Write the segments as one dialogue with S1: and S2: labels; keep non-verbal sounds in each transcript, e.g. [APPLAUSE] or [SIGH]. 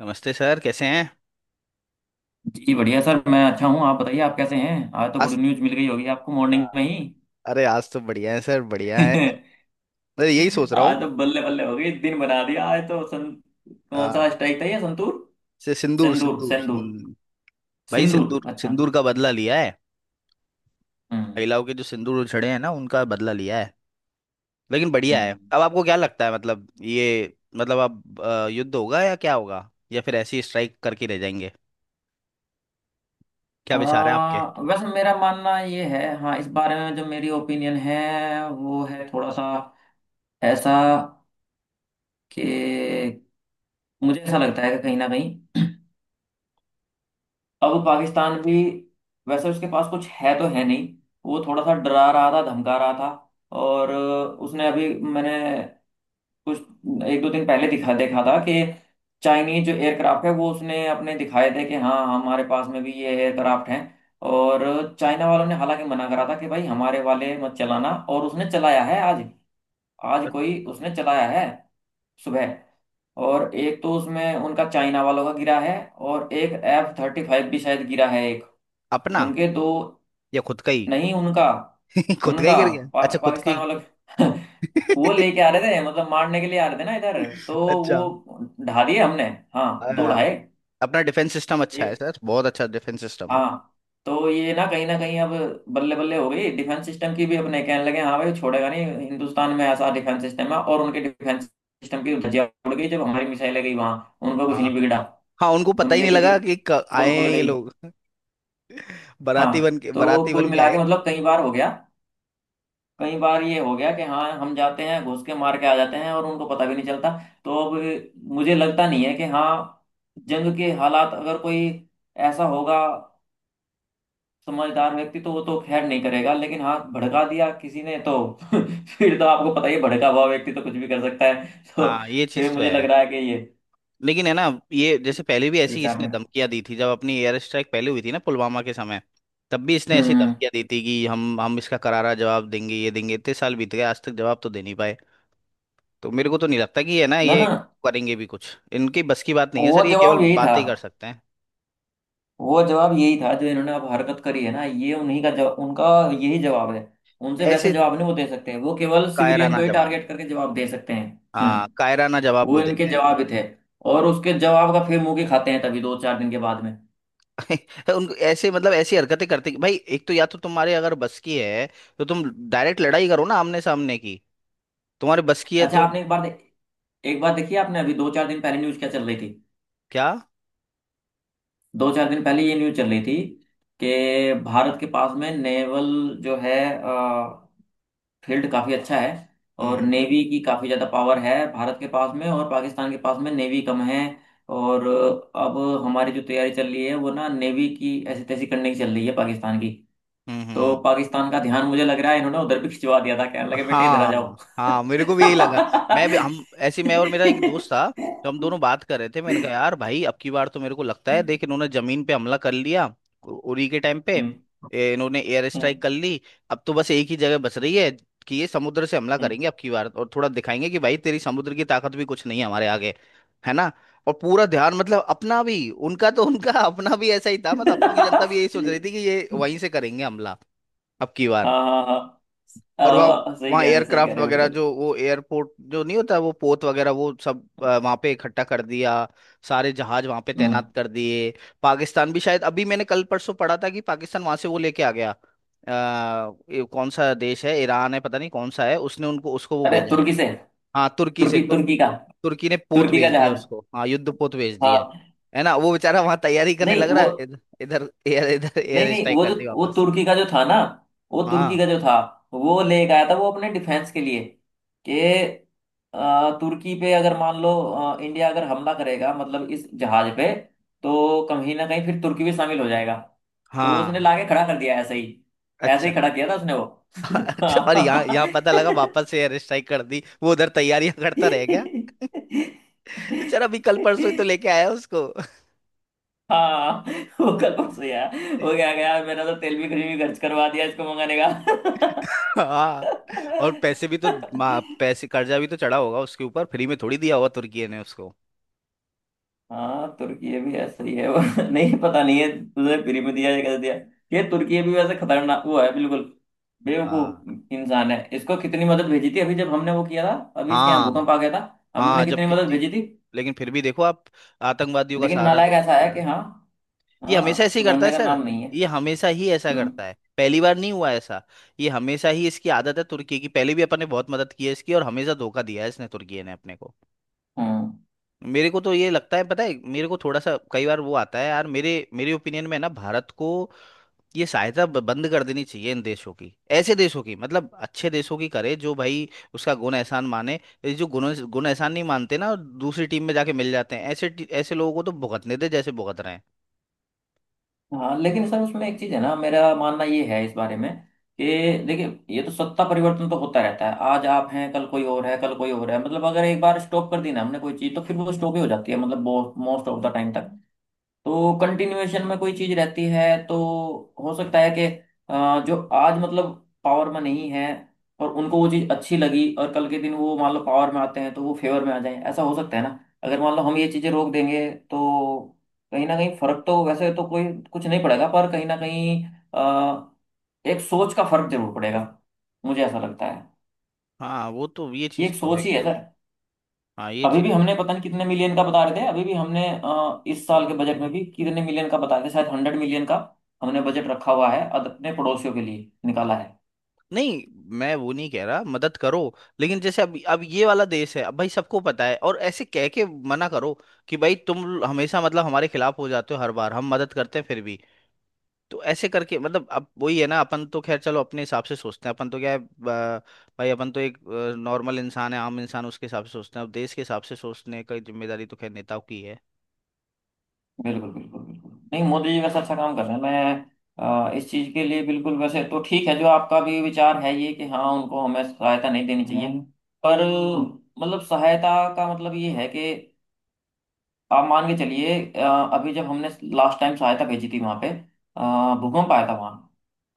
S1: नमस्ते सर, कैसे हैं?
S2: जी बढ़िया सर। मैं अच्छा हूँ। आप बताइए, आप कैसे हैं? आज तो गुड
S1: आज
S2: न्यूज़ मिल गई होगी आपको मॉर्निंग में ही।
S1: अरे, आज तो बढ़िया है सर, बढ़िया है।
S2: [LAUGHS]
S1: मैं यही सोच रहा हूँ।
S2: आज तो बल्ले बल्ले हो गई, दिन बना दिया आज तो। सन कौन
S1: आ,
S2: सा स्ट्राइक था ये, संतूर?
S1: से सिंदूर
S2: सिंदूर,
S1: सिंदूर,
S2: सिंदूर।
S1: भाई,
S2: सिंदूर।
S1: सिंदूर
S2: अच्छा।
S1: सिंदूर का बदला लिया है।
S2: हम्म।
S1: महिलाओं के जो सिंदूर उछड़े हैं ना, उनका बदला लिया है। लेकिन बढ़िया है।
S2: हम्म।
S1: अब आपको क्या लगता है, मतलब ये, मतलब अब युद्ध होगा या क्या होगा, या फिर ऐसी स्ट्राइक करके रह जाएंगे? क्या विचार है आपके?
S2: वैसे मेरा मानना ये है, हाँ, इस बारे में जो मेरी ओपिनियन है वो है थोड़ा सा ऐसा कि मुझे ऐसा लगता है कि कहीं ना कहीं अब पाकिस्तान भी, वैसे उसके पास कुछ है तो है नहीं, वो थोड़ा सा डरा रहा था, धमका रहा था। और उसने अभी, मैंने कुछ एक दो दिन पहले दिखा देखा था कि चाइनीज जो एयरक्राफ्ट है वो उसने अपने दिखाए थे कि हाँ, हमारे पास में भी ये एयरक्राफ्ट हैं। और चाइना वालों ने हालांकि मना करा था कि भाई, हमारे वाले मत चलाना, और उसने चलाया है आज। आज कोई उसने चलाया है सुबह। और एक तो उसमें उनका, चाइना वालों का, गिरा है। और एक F-35 भी शायद गिरा है, एक।
S1: अपना
S2: उनके दो।
S1: या खुद का ही?
S2: नहीं, उनका।
S1: [LAUGHS] खुद का ही
S2: उनका।
S1: गिर गया, अच्छा, खुद का
S2: पाकिस्तान वालों के- [LAUGHS] वो
S1: ही।
S2: लेके आ
S1: [LAUGHS]
S2: रहे थे, मतलब मारने के लिए आ रहे थे ना इधर। तो
S1: अच्छा।
S2: वो ढा दिए हमने। हाँ, दो
S1: हाँ।
S2: ढाए।
S1: अपना डिफेंस सिस्टम अच्छा है
S2: एक।
S1: सर, बहुत अच्छा डिफेंस सिस्टम है।
S2: हाँ, तो ये ना कहीं अब बल्ले बल्ले हो गई डिफेंस सिस्टम की भी। अपने कहने लगे हाँ भाई, छोड़ेगा नहीं, हिंदुस्तान में ऐसा डिफेंस सिस्टम है। और उनके डिफेंस सिस्टम की धज्जियां उड़ गई जब हमारी मिसाइलें गई वहां, उनका कुछ
S1: हाँ।
S2: नहीं बिगड़ा।
S1: हाँ, उनको पता ही
S2: उनके
S1: नहीं
S2: की भी
S1: लगा कि आए
S2: पोल खुल
S1: हैं ये
S2: गई।
S1: लोग। [LAUGHS] बाराती बन
S2: हाँ।
S1: के,
S2: तो
S1: बाराती
S2: कुल
S1: बन के
S2: मिला के
S1: आए।
S2: मतलब कई बार हो गया, कई बार ये हो गया कि हाँ, हम जाते हैं घुस के मार के आ जाते हैं और उनको पता भी नहीं चलता। तो अब मुझे लगता नहीं है कि हाँ, जंग के हालात अगर कोई ऐसा होगा समझदार व्यक्ति तो वो तो खैर नहीं करेगा, लेकिन हाँ, भड़का दिया किसी ने तो [LAUGHS] फिर तो आपको पता ही है, भड़का हुआ व्यक्ति तो कुछ भी कर सकता है [LAUGHS] तो
S1: हाँ, ये
S2: फिर
S1: चीज तो
S2: मुझे लग
S1: है।
S2: रहा है कि ये
S1: लेकिन है ना, ये जैसे पहले भी ऐसी
S2: विचार
S1: इसने
S2: मेरा।
S1: धमकियां दी थी, जब अपनी एयर स्ट्राइक पहले हुई थी ना, पुलवामा के समय। तब भी इसने ऐसी
S2: हम्म।
S1: धमकियां दी थी कि हम इसका करारा जवाब देंगे, ये देंगे, इतने साल बीत गए आज तक जवाब तो दे नहीं पाए। तो मेरे को तो नहीं लगता कि है ना
S2: ना,
S1: ये
S2: ना।
S1: करेंगे भी कुछ। इनकी बस की बात नहीं है
S2: वो
S1: सर, ये केवल
S2: जवाब यही था।
S1: बातें ही कर सकते हैं।
S2: वो जवाब यही था जो इन्होंने अब हरकत करी है ना, ये उन्हीं का जवाब। उनका यही जवाब है। उनसे वैसा
S1: ऐसे
S2: जवाब नहीं वो दे सकते हैं, वो केवल सिविलियन
S1: कायराना
S2: को ही
S1: जवाब।
S2: टारगेट करके जवाब दे सकते हैं। हम्म।
S1: हाँ, कायराना जवाब
S2: वो
S1: बोल
S2: इनके
S1: देते हैं।
S2: जवाब ही थे। और उसके जवाब का फिर मुंह की खाते हैं तभी दो चार दिन के बाद में।
S1: [LAUGHS] उनको ऐसे, मतलब ऐसी हरकतें करते कि भाई एक तो, या तो तुम्हारे अगर बस की है तो तुम डायरेक्ट लड़ाई करो ना, आमने सामने की। तुम्हारे बस की है
S2: अच्छा,
S1: तो
S2: आपने एक बार देखिए, आपने अभी दो चार दिन पहले न्यूज क्या चल रही थी?
S1: क्या।
S2: दो चार दिन पहले ये न्यूज चल रही थी कि भारत के पास में नेवल जो है फील्ड काफ़ी अच्छा है, और
S1: हम्म,
S2: नेवी की काफ़ी ज़्यादा पावर है भारत के पास में, और पाकिस्तान के पास में नेवी कम है। और अब हमारी जो तैयारी चल रही है वो ना नेवी की ऐसी तैसी करने की चल रही है पाकिस्तान की।
S1: हम्म, हम्म,
S2: तो पाकिस्तान का ध्यान, मुझे लग रहा है इन्होंने उधर भी खिंचवा दिया था, कहने लगे बेटे इधर आ जाओ।
S1: हाँ हाँ, मेरे को भी यही लगा। मैं भी, हम ऐसे, मैं और मेरा एक दोस्त था, तो हम
S2: [LAUGHS]
S1: दोनों बात कर रहे थे। मैंने कहा यार भाई, अब की बार तो मेरे को लगता है, देख इन्होंने जमीन पे हमला कर लिया, उरी के टाइम पे,
S2: हम्म,
S1: इन्होंने एयर स्ट्राइक
S2: हम्म,
S1: कर ली। अब तो बस एक ही जगह बच रही है कि ये समुद्र से हमला
S2: हम्म।
S1: करेंगे अब की बार, और थोड़ा दिखाएंगे कि भाई तेरी समुद्र की ताकत भी कुछ नहीं है हमारे आगे, है ना। और पूरा ध्यान, मतलब अपना भी, उनका तो उनका, [LAUGHS] अपना भी ऐसा ही था, मतलब अपन की जनता भी यही सोच रही थी कि ये वहीं से करेंगे हमला अब की
S2: [LAUGHS]
S1: बार।
S2: हाँ, हाँ।
S1: और वहाँ,
S2: हाँ, हाँ, सही कह रहे, सही कह
S1: एयरक्राफ्ट
S2: रहे,
S1: वगैरह,
S2: बिल्कुल।
S1: जो वो एयरपोर्ट जो नहीं होता वो पोत वगैरह, वो सब वहाँ पे इकट्ठा कर दिया, सारे जहाज वहाँ पे
S2: हम्म।
S1: तैनात कर दिए। पाकिस्तान भी शायद, अभी मैंने कल परसों पढ़ा था कि पाकिस्तान वहाँ से वो लेके आ गया, ये कौन सा देश है, ईरान है, पता नहीं कौन सा है, उसने उनको, उसको वो
S2: अरे
S1: भेजा है।
S2: तुर्की से।
S1: हाँ तुर्की से,
S2: तुर्की, तुर्की का।
S1: तुर्की ने पोत
S2: तुर्की का
S1: भेज दिया
S2: जहाज।
S1: उसको, हाँ, युद्ध पोत भेज दिया।
S2: हाँ।
S1: है ना, वो बेचारा वहाँ तैयारी करने
S2: नहीं,
S1: लग रहा
S2: वो।
S1: है, इधर इधर
S2: नहीं,
S1: एयर
S2: नहीं,
S1: स्ट्राइक
S2: वो जो,
S1: कर दी
S2: वो
S1: वापस।
S2: तुर्की का जो था ना। वो
S1: हाँ
S2: तुर्की का जो था, वो लेके आया था वो अपने डिफेंस के लिए कि तुर्की पे अगर मान लो, इंडिया अगर हमला करेगा मतलब इस जहाज पे, तो कहीं ना कहीं फिर तुर्की भी शामिल हो जाएगा। तो वो उसने
S1: हाँ,
S2: लाके खड़ा कर दिया ऐसे ही। ऐसे
S1: अच्छा।
S2: ही खड़ा किया था उसने वो।
S1: [LAUGHS] अच्छा, और यहाँ,
S2: [LAUGHS]
S1: पता लगा वापस से एयर स्ट्राइक कर दी, वो उधर तैयारियां करता रह गया बेचारा, अभी कल परसों ही तो
S2: हाँ।
S1: लेके आया उसको।
S2: हाँ [LAUGHS] वो कल परसों यार, वो
S1: [LAUGHS]
S2: क्या गया, मैंने तो तेल भी खर्च करवा दिया इसको मंगाने का।
S1: हाँ। और पैसे भी तो,
S2: [LAUGHS]
S1: पैसे कर्जा भी तो चढ़ा होगा उसके ऊपर, फ्री में थोड़ी दिया होगा तुर्की ने उसको।
S2: हाँ, तुर्की भी ऐसा ही है वो। [LAUGHS] नहीं, पता नहीं है तुझे, फ्री में दिया या कैसे दिया। ये तुर्की भी वैसे खतरनाक वो है, बिल्कुल
S1: हाँ
S2: बेवकूफ इंसान है। इसको कितनी मदद भेजी थी अभी जब हमने वो किया था। अभी इसके यहाँ
S1: हाँ।
S2: भूकंप आ गया था, हमने
S1: हाँ जब,
S2: कितनी मदद
S1: कितनी,
S2: भेजी थी।
S1: लेकिन फिर भी देखो आप, आतंकवादियों का
S2: लेकिन
S1: सहारा
S2: नालायक ऐसा
S1: देते
S2: है कि
S1: रहे।
S2: हाँ,
S1: ये हमेशा
S2: हाँ,
S1: ऐसे ही करता
S2: सुधरने
S1: है
S2: का
S1: सर,
S2: नाम नहीं है।
S1: ये हमेशा ही ऐसा
S2: हम्म।
S1: करता है, पहली बार नहीं हुआ ऐसा। ये हमेशा ही इसकी आदत है तुर्की की, पहले भी अपन ने बहुत मदद की है इसकी, और हमेशा धोखा दिया है इसने, तुर्की ने अपने को।
S2: हम्म।
S1: मेरे को तो ये लगता है, पता है, मेरे को थोड़ा सा कई बार वो आता है यार, मेरे मेरे ओपिनियन में ना, भारत को ये सहायता बंद कर देनी चाहिए इन देशों की। ऐसे देशों की, मतलब अच्छे देशों की करे जो भाई उसका गुण एहसान माने। ये जो गुण गुण एहसान नहीं मानते ना, और दूसरी टीम में जाके मिल जाते हैं, ऐसे ऐसे लोगों को तो भुगतने दे जैसे भुगत रहे हैं।
S2: हाँ, लेकिन सर उसमें एक चीज है ना, मेरा मानना ये है इस बारे में कि देखिए, ये तो सत्ता परिवर्तन तो होता रहता है, आज आप हैं, कल कोई और है, कल कोई और है। मतलब अगर एक बार स्टॉप कर दी ना हमने कोई चीज तो फिर वो स्टॉप ही हो जाती है मतलब मोस्ट ऑफ द टाइम तक। तो कंटिन्यूएशन में कोई चीज रहती है तो हो सकता है कि जो आज मतलब पावर में नहीं है और उनको वो चीज अच्छी लगी और कल के दिन वो मान लो पावर में आते हैं, तो वो फेवर में आ जाए। ऐसा हो सकता है ना, अगर मान लो हम ये चीजें रोक देंगे तो कहीं ना कहीं फर्क तो वैसे तो कोई कुछ नहीं पड़ेगा, पर कहीं ना कहीं अ, एक सोच का फर्क जरूर पड़ेगा, मुझे ऐसा लगता है।
S1: हाँ वो तो, ये
S2: ये
S1: चीज़
S2: एक
S1: तो है
S2: सोच ही है
S1: खैर।
S2: सर।
S1: हाँ, ये
S2: अभी
S1: चीज़।
S2: भी हमने पता नहीं कितने मिलियन का बता रहे थे, अभी भी हमने इस साल के बजट में भी कितने मिलियन का बता रहे थे, शायद 100 million का हमने बजट रखा हुआ है, अपने पड़ोसियों के लिए निकाला है।
S1: नहीं, मैं वो नहीं कह रहा मदद करो। लेकिन जैसे अब, ये वाला देश है, अब भाई सबको पता है, और ऐसे कह के मना करो कि भाई तुम हमेशा, मतलब हमारे खिलाफ हो जाते हो, हर बार हम मदद करते हैं फिर भी। तो ऐसे करके, मतलब अब वही है ना, अपन तो खैर चलो अपने हिसाब से सोचते हैं। अपन तो क्या है, भाई अपन तो एक नॉर्मल इंसान है, आम इंसान, उसके हिसाब से सोचते हैं। अब देश के हिसाब से सोचने की जिम्मेदारी तो खैर नेताओं की है।
S2: बिल्कुल, बिल्कुल, बिल्कुल। नहीं, मोदी जी वैसे अच्छा काम कर रहे हैं। मैं इस चीज के लिए बिल्कुल वैसे तो ठीक है, जो आपका भी विचार है ये कि हाँ, उनको हमें सहायता नहीं देनी चाहिए। हम्म। पर मतलब सहायता का मतलब ये है कि आप मान के चलिए, अभी जब हमने लास्ट टाइम सहायता भेजी थी वहां पे, भूकंप आया था वहां।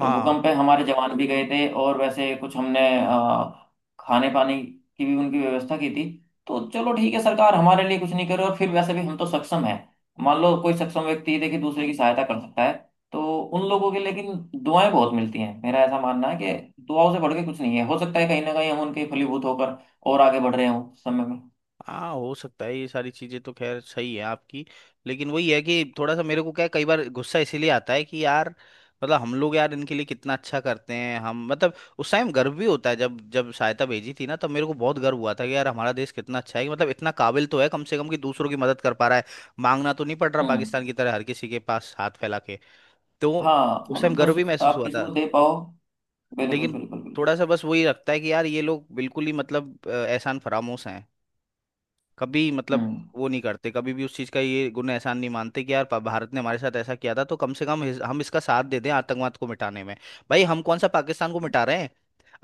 S2: तो
S1: हाँ
S2: भूकंप पे हमारे जवान भी गए थे, और वैसे कुछ हमने अ, खाने पानी की भी उनकी व्यवस्था की थी। तो चलो ठीक है, सरकार हमारे लिए कुछ नहीं करे और फिर वैसे भी हम तो सक्षम है। मान लो कोई सक्षम व्यक्ति, देखिए, दूसरे की सहायता कर सकता है तो उन लोगों की, लेकिन दुआएं बहुत मिलती हैं। मेरा ऐसा मानना है कि दुआओं से बढ़ के कुछ नहीं है, हो सकता है कहीं ना कहीं हम उनके फलीभूत होकर और आगे बढ़ रहे हों समय में।
S1: हाँ, हो सकता है, ये सारी चीजें तो खैर सही है आपकी। लेकिन वही है कि थोड़ा सा मेरे को क्या है, कई बार गुस्सा इसीलिए आता है कि यार, मतलब हम लोग यार इनके लिए कितना अच्छा करते हैं हम, मतलब उस टाइम गर्व भी होता है, जब जब सहायता भेजी थी ना, तब मेरे को बहुत गर्व हुआ था कि यार हमारा देश कितना अच्छा है, कि मतलब इतना काबिल तो है कम से कम कि दूसरों की मदद कर पा रहा है। मांगना तो नहीं पड़ रहा
S2: हम्म।
S1: पाकिस्तान की तरह हर किसी के पास हाथ फैला के। तो
S2: हाँ,
S1: उस टाइम
S2: मतलब
S1: गर्व
S2: दस
S1: भी महसूस
S2: आप
S1: हुआ
S2: किसी को
S1: था।
S2: दे पाओ। बिल्कुल,
S1: लेकिन
S2: बिल्कुल, बिल्कुल।
S1: थोड़ा सा बस वही लगता है कि यार ये लोग बिल्कुल ही, मतलब एहसान फरामोश हैं। कभी, मतलब
S2: हम्म।
S1: वो नहीं करते कभी भी, उस चीज़ का ये गुण एहसान नहीं मानते, कि यार भारत ने हमारे साथ ऐसा किया था तो कम से कम हम इसका साथ दे दें आतंकवाद को मिटाने में। भाई, हम कौन सा पाकिस्तान को मिटा रहे हैं?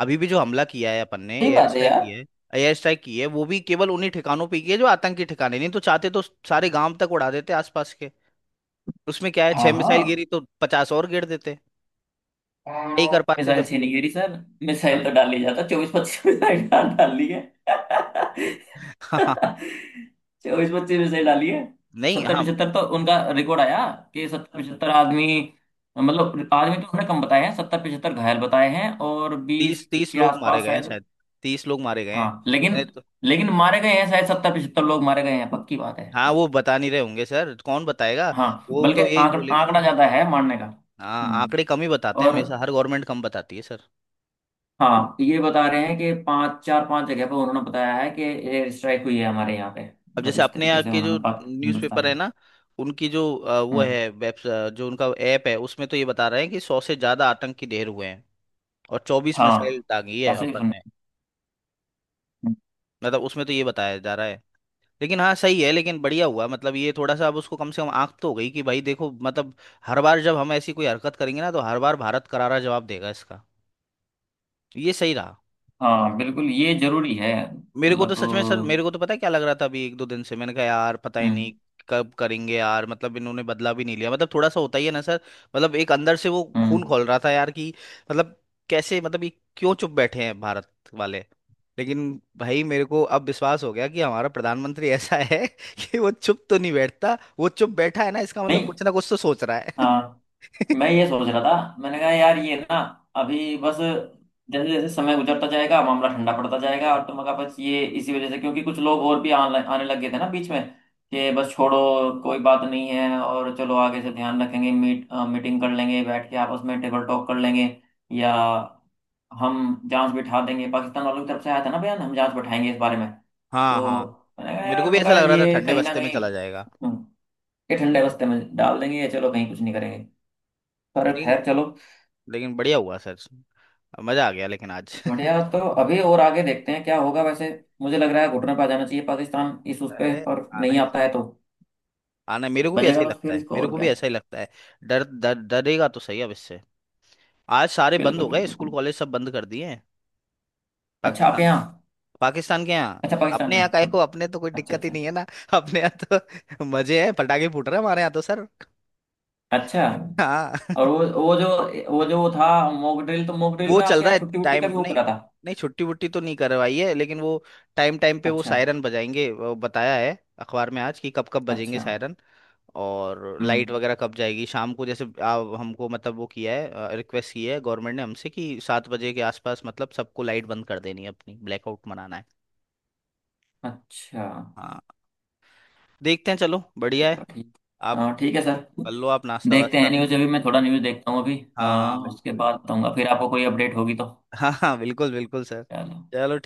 S1: अभी भी जो हमला किया है अपन ने,
S2: सही
S1: एयर
S2: बात है
S1: स्ट्राइक
S2: यार।
S1: किया है। एयर स्ट्राइक की है, वो भी केवल उन्हीं ठिकानों पे की है जो आतंकी ठिकाने, नहीं तो चाहते तो सारे गांव तक उड़ा देते आसपास के। उसमें क्या है, 6 मिसाइल
S2: हाँ,
S1: गिरी तो 50 और गिर देते। नहीं
S2: हाँ,
S1: कर पाते
S2: मिसाइल
S1: जब।
S2: छीनी गिरी सर। मिसाइल तो
S1: हाँ
S2: डाल ली जाता, 24-25 मिसाइल डाल डाल ली है।
S1: [LAUGHS] हाँ।
S2: 24-25 मिसाइल डाली है।
S1: नहीं
S2: सत्तर
S1: हम।
S2: पिछहत्तर तो उनका रिकॉर्ड आया कि 70-75 आदमी, मतलब आदमी तो उन्होंने कम बताए हैं, 70-75 घायल बताए हैं, और 20
S1: तीस तीस
S2: के
S1: लोग मारे
S2: आसपास
S1: गए हैं
S2: शायद।
S1: शायद। 30 लोग मारे गए हैं।
S2: हाँ, लेकिन
S1: मैंने तो।
S2: लेकिन मारे गए हैं शायद, 70-75 लोग मारे गए हैं, पक्की बात है।
S1: हाँ वो बता नहीं रहे होंगे सर, कौन बताएगा।
S2: हाँ,
S1: वो
S2: बल्कि
S1: तो यही बोलेंगे ना।
S2: आंकड़ा ज्यादा है मारने का।
S1: हाँ,
S2: हम्म।
S1: आंकड़े कम ही बताते हैं
S2: और
S1: हमेशा, हर गवर्नमेंट कम बताती है सर।
S2: हाँ, ये बता रहे हैं कि पांच, चार, पांच जगह पर उन्होंने बताया है कि एयर स्ट्राइक हुई है हमारे यहाँ पे,
S1: अब
S2: मतलब
S1: जैसे
S2: इस
S1: अपने
S2: तरीके
S1: यहाँ
S2: से
S1: के
S2: उन्होंने
S1: जो
S2: पाक हिंदुस्तान
S1: न्यूज़पेपर है
S2: में।
S1: ना, उनकी जो वो
S2: हम्म।
S1: है वेब, जो उनका ऐप है, उसमें तो ये बता रहे हैं कि 100 से ज्यादा आतंकी ढेर हुए हैं, और 24 मिसाइल
S2: हाँ,
S1: दागी है
S2: ऐसे ही
S1: अपन
S2: सुना।
S1: ने।
S2: हम्म,
S1: मतलब उसमें तो ये बताया जा रहा है। लेकिन हाँ, सही है। लेकिन बढ़िया हुआ, मतलब ये थोड़ा सा अब उसको कम से कम आंख तो हो गई, कि भाई देखो, मतलब हर बार जब हम ऐसी कोई हरकत करेंगे ना, तो हर बार भारत करारा जवाब देगा इसका, ये सही रहा।
S2: हाँ, बिल्कुल, ये जरूरी है
S1: मेरे को तो
S2: मतलब।
S1: सच में सर, मेरे को तो पता है क्या लग रहा था, अभी एक दो दिन से मैंने कहा यार पता ही
S2: हम्म।
S1: नहीं कब करेंगे यार, मतलब इन्होंने बदला भी नहीं लिया, मतलब थोड़ा सा होता ही है ना सर, मतलब एक अंदर से वो खून
S2: हम्म।
S1: खौल रहा था यार, कि मतलब कैसे, मतलब ये क्यों चुप बैठे हैं भारत वाले। लेकिन भाई मेरे को अब विश्वास हो गया कि हमारा प्रधानमंत्री ऐसा है, [LAUGHS] कि वो चुप तो नहीं बैठता, वो चुप बैठा है ना, इसका मतलब
S2: नहीं।
S1: कुछ ना कुछ तो सोच रहा है।
S2: हाँ, मैं
S1: [LAUGHS]
S2: ये सोच रहा था, मैंने कहा यार ये ना, अभी बस जैसे जैसे समय गुजरता जाएगा मामला ठंडा पड़ता जाएगा, और तो मगर बस ये इसी वजह से क्योंकि कुछ लोग और भी आने आने लग गए थे ना बीच में, कि बस छोड़ो, कोई बात नहीं है, और चलो आगे से ध्यान रखेंगे, मीटिंग कर लेंगे बैठ के आपस में, टेबल टॉक कर लेंगे, या हम जांच बिठा देंगे, पाकिस्तान वालों की तरफ से आया था ना बयान, हम जांच बिठाएंगे इस बारे में।
S1: हाँ
S2: तो
S1: हाँ।
S2: मैंने
S1: तो
S2: कहा
S1: मेरे को
S2: यार,
S1: भी
S2: मैं
S1: ऐसा
S2: कहा
S1: लग रहा था
S2: ये
S1: ठंडे
S2: कहीं ना
S1: बस्ते में
S2: कहीं।
S1: चला जाएगा।
S2: हम्म। ये ठंडे रास्ते में डाल देंगे या चलो कहीं कुछ नहीं करेंगे, पर
S1: लेकिन,
S2: खैर चलो।
S1: बढ़िया हुआ सर, मजा आ गया लेकिन आज।
S2: बढ़िया तो अभी और आगे देखते हैं क्या होगा वैसे। मुझे लग रहा है घुटने पर आ जाना चाहिए पाकिस्तान इस उस पे,
S1: अरे,
S2: और
S1: आना
S2: नहीं
S1: ही,
S2: आता है तो
S1: आना, मेरे को भी
S2: बजेगा
S1: ऐसे ही
S2: बस
S1: लगता
S2: फिर,
S1: है,
S2: इसको
S1: मेरे
S2: और
S1: को
S2: क्या।
S1: भी ऐसा ही लगता है। डर डर डरेगा तो सही अब इससे। आज सारे बंद
S2: बिल्कुल,
S1: हो गए,
S2: बिल्कुल।
S1: स्कूल कॉलेज सब बंद कर दिए हैं।
S2: अच्छा, आप
S1: पाकिस्तान,
S2: यहाँ?
S1: के यहाँ।
S2: अच्छा, पाकिस्तान
S1: अपने यहाँ काहे
S2: में?
S1: को, अपने तो कोई
S2: अच्छा,
S1: दिक्कत ही
S2: अच्छा।
S1: नहीं है ना, [LAUGHS] अपने यहाँ। तो [LAUGHS] मजे हैं, पटाखे फूट रहे हैं हमारे यहाँ तो सर।
S2: अच्छा।
S1: हाँ
S2: और
S1: [LAUGHS]
S2: वो जो वो जो वो था मॉक ड्रिल, तो मॉक ड्रिल
S1: वो
S2: में
S1: चल
S2: आपके
S1: रहा
S2: यहाँ
S1: है,
S2: छुट्टी वुट्टी का
S1: टाइम,
S2: भी वो
S1: नहीं,
S2: करा था?
S1: नहीं छुट्टी वुट्टी तो नहीं करवाई है, लेकिन वो टाइम टाइम पे वो
S2: अच्छा।
S1: सायरन बजाएंगे, वो बताया है अखबार में आज कि कब कब बजेंगे
S2: अच्छा।
S1: सायरन। और
S2: हम्म।
S1: लाइट वगैरह कब जाएगी शाम को, जैसे आप हमको, मतलब वो किया है, रिक्वेस्ट की है गवर्नमेंट ने हमसे कि 7 बजे के आसपास, मतलब सबको लाइट बंद कर देनी है अपनी, ब्लैकआउट मनाना है।
S2: अच्छा।
S1: हाँ। देखते हैं, चलो बढ़िया है।
S2: चलो ठीक।
S1: आप
S2: हाँ, ठीक है सर।
S1: कर लो आप, नाश्ता
S2: देखते हैं
S1: वास्ता।
S2: न्यूज़, अभी मैं थोड़ा न्यूज़ देखता हूँ अभी।
S1: हाँ
S2: हाँ,
S1: हाँ,
S2: उसके
S1: बिल्कुल
S2: बाद
S1: बिल्कुल।
S2: बताऊंगा फिर आपको कोई अपडेट होगी तो।
S1: हाँ हाँ, बिल्कुल बिल्कुल सर।
S2: चलो।
S1: चलो।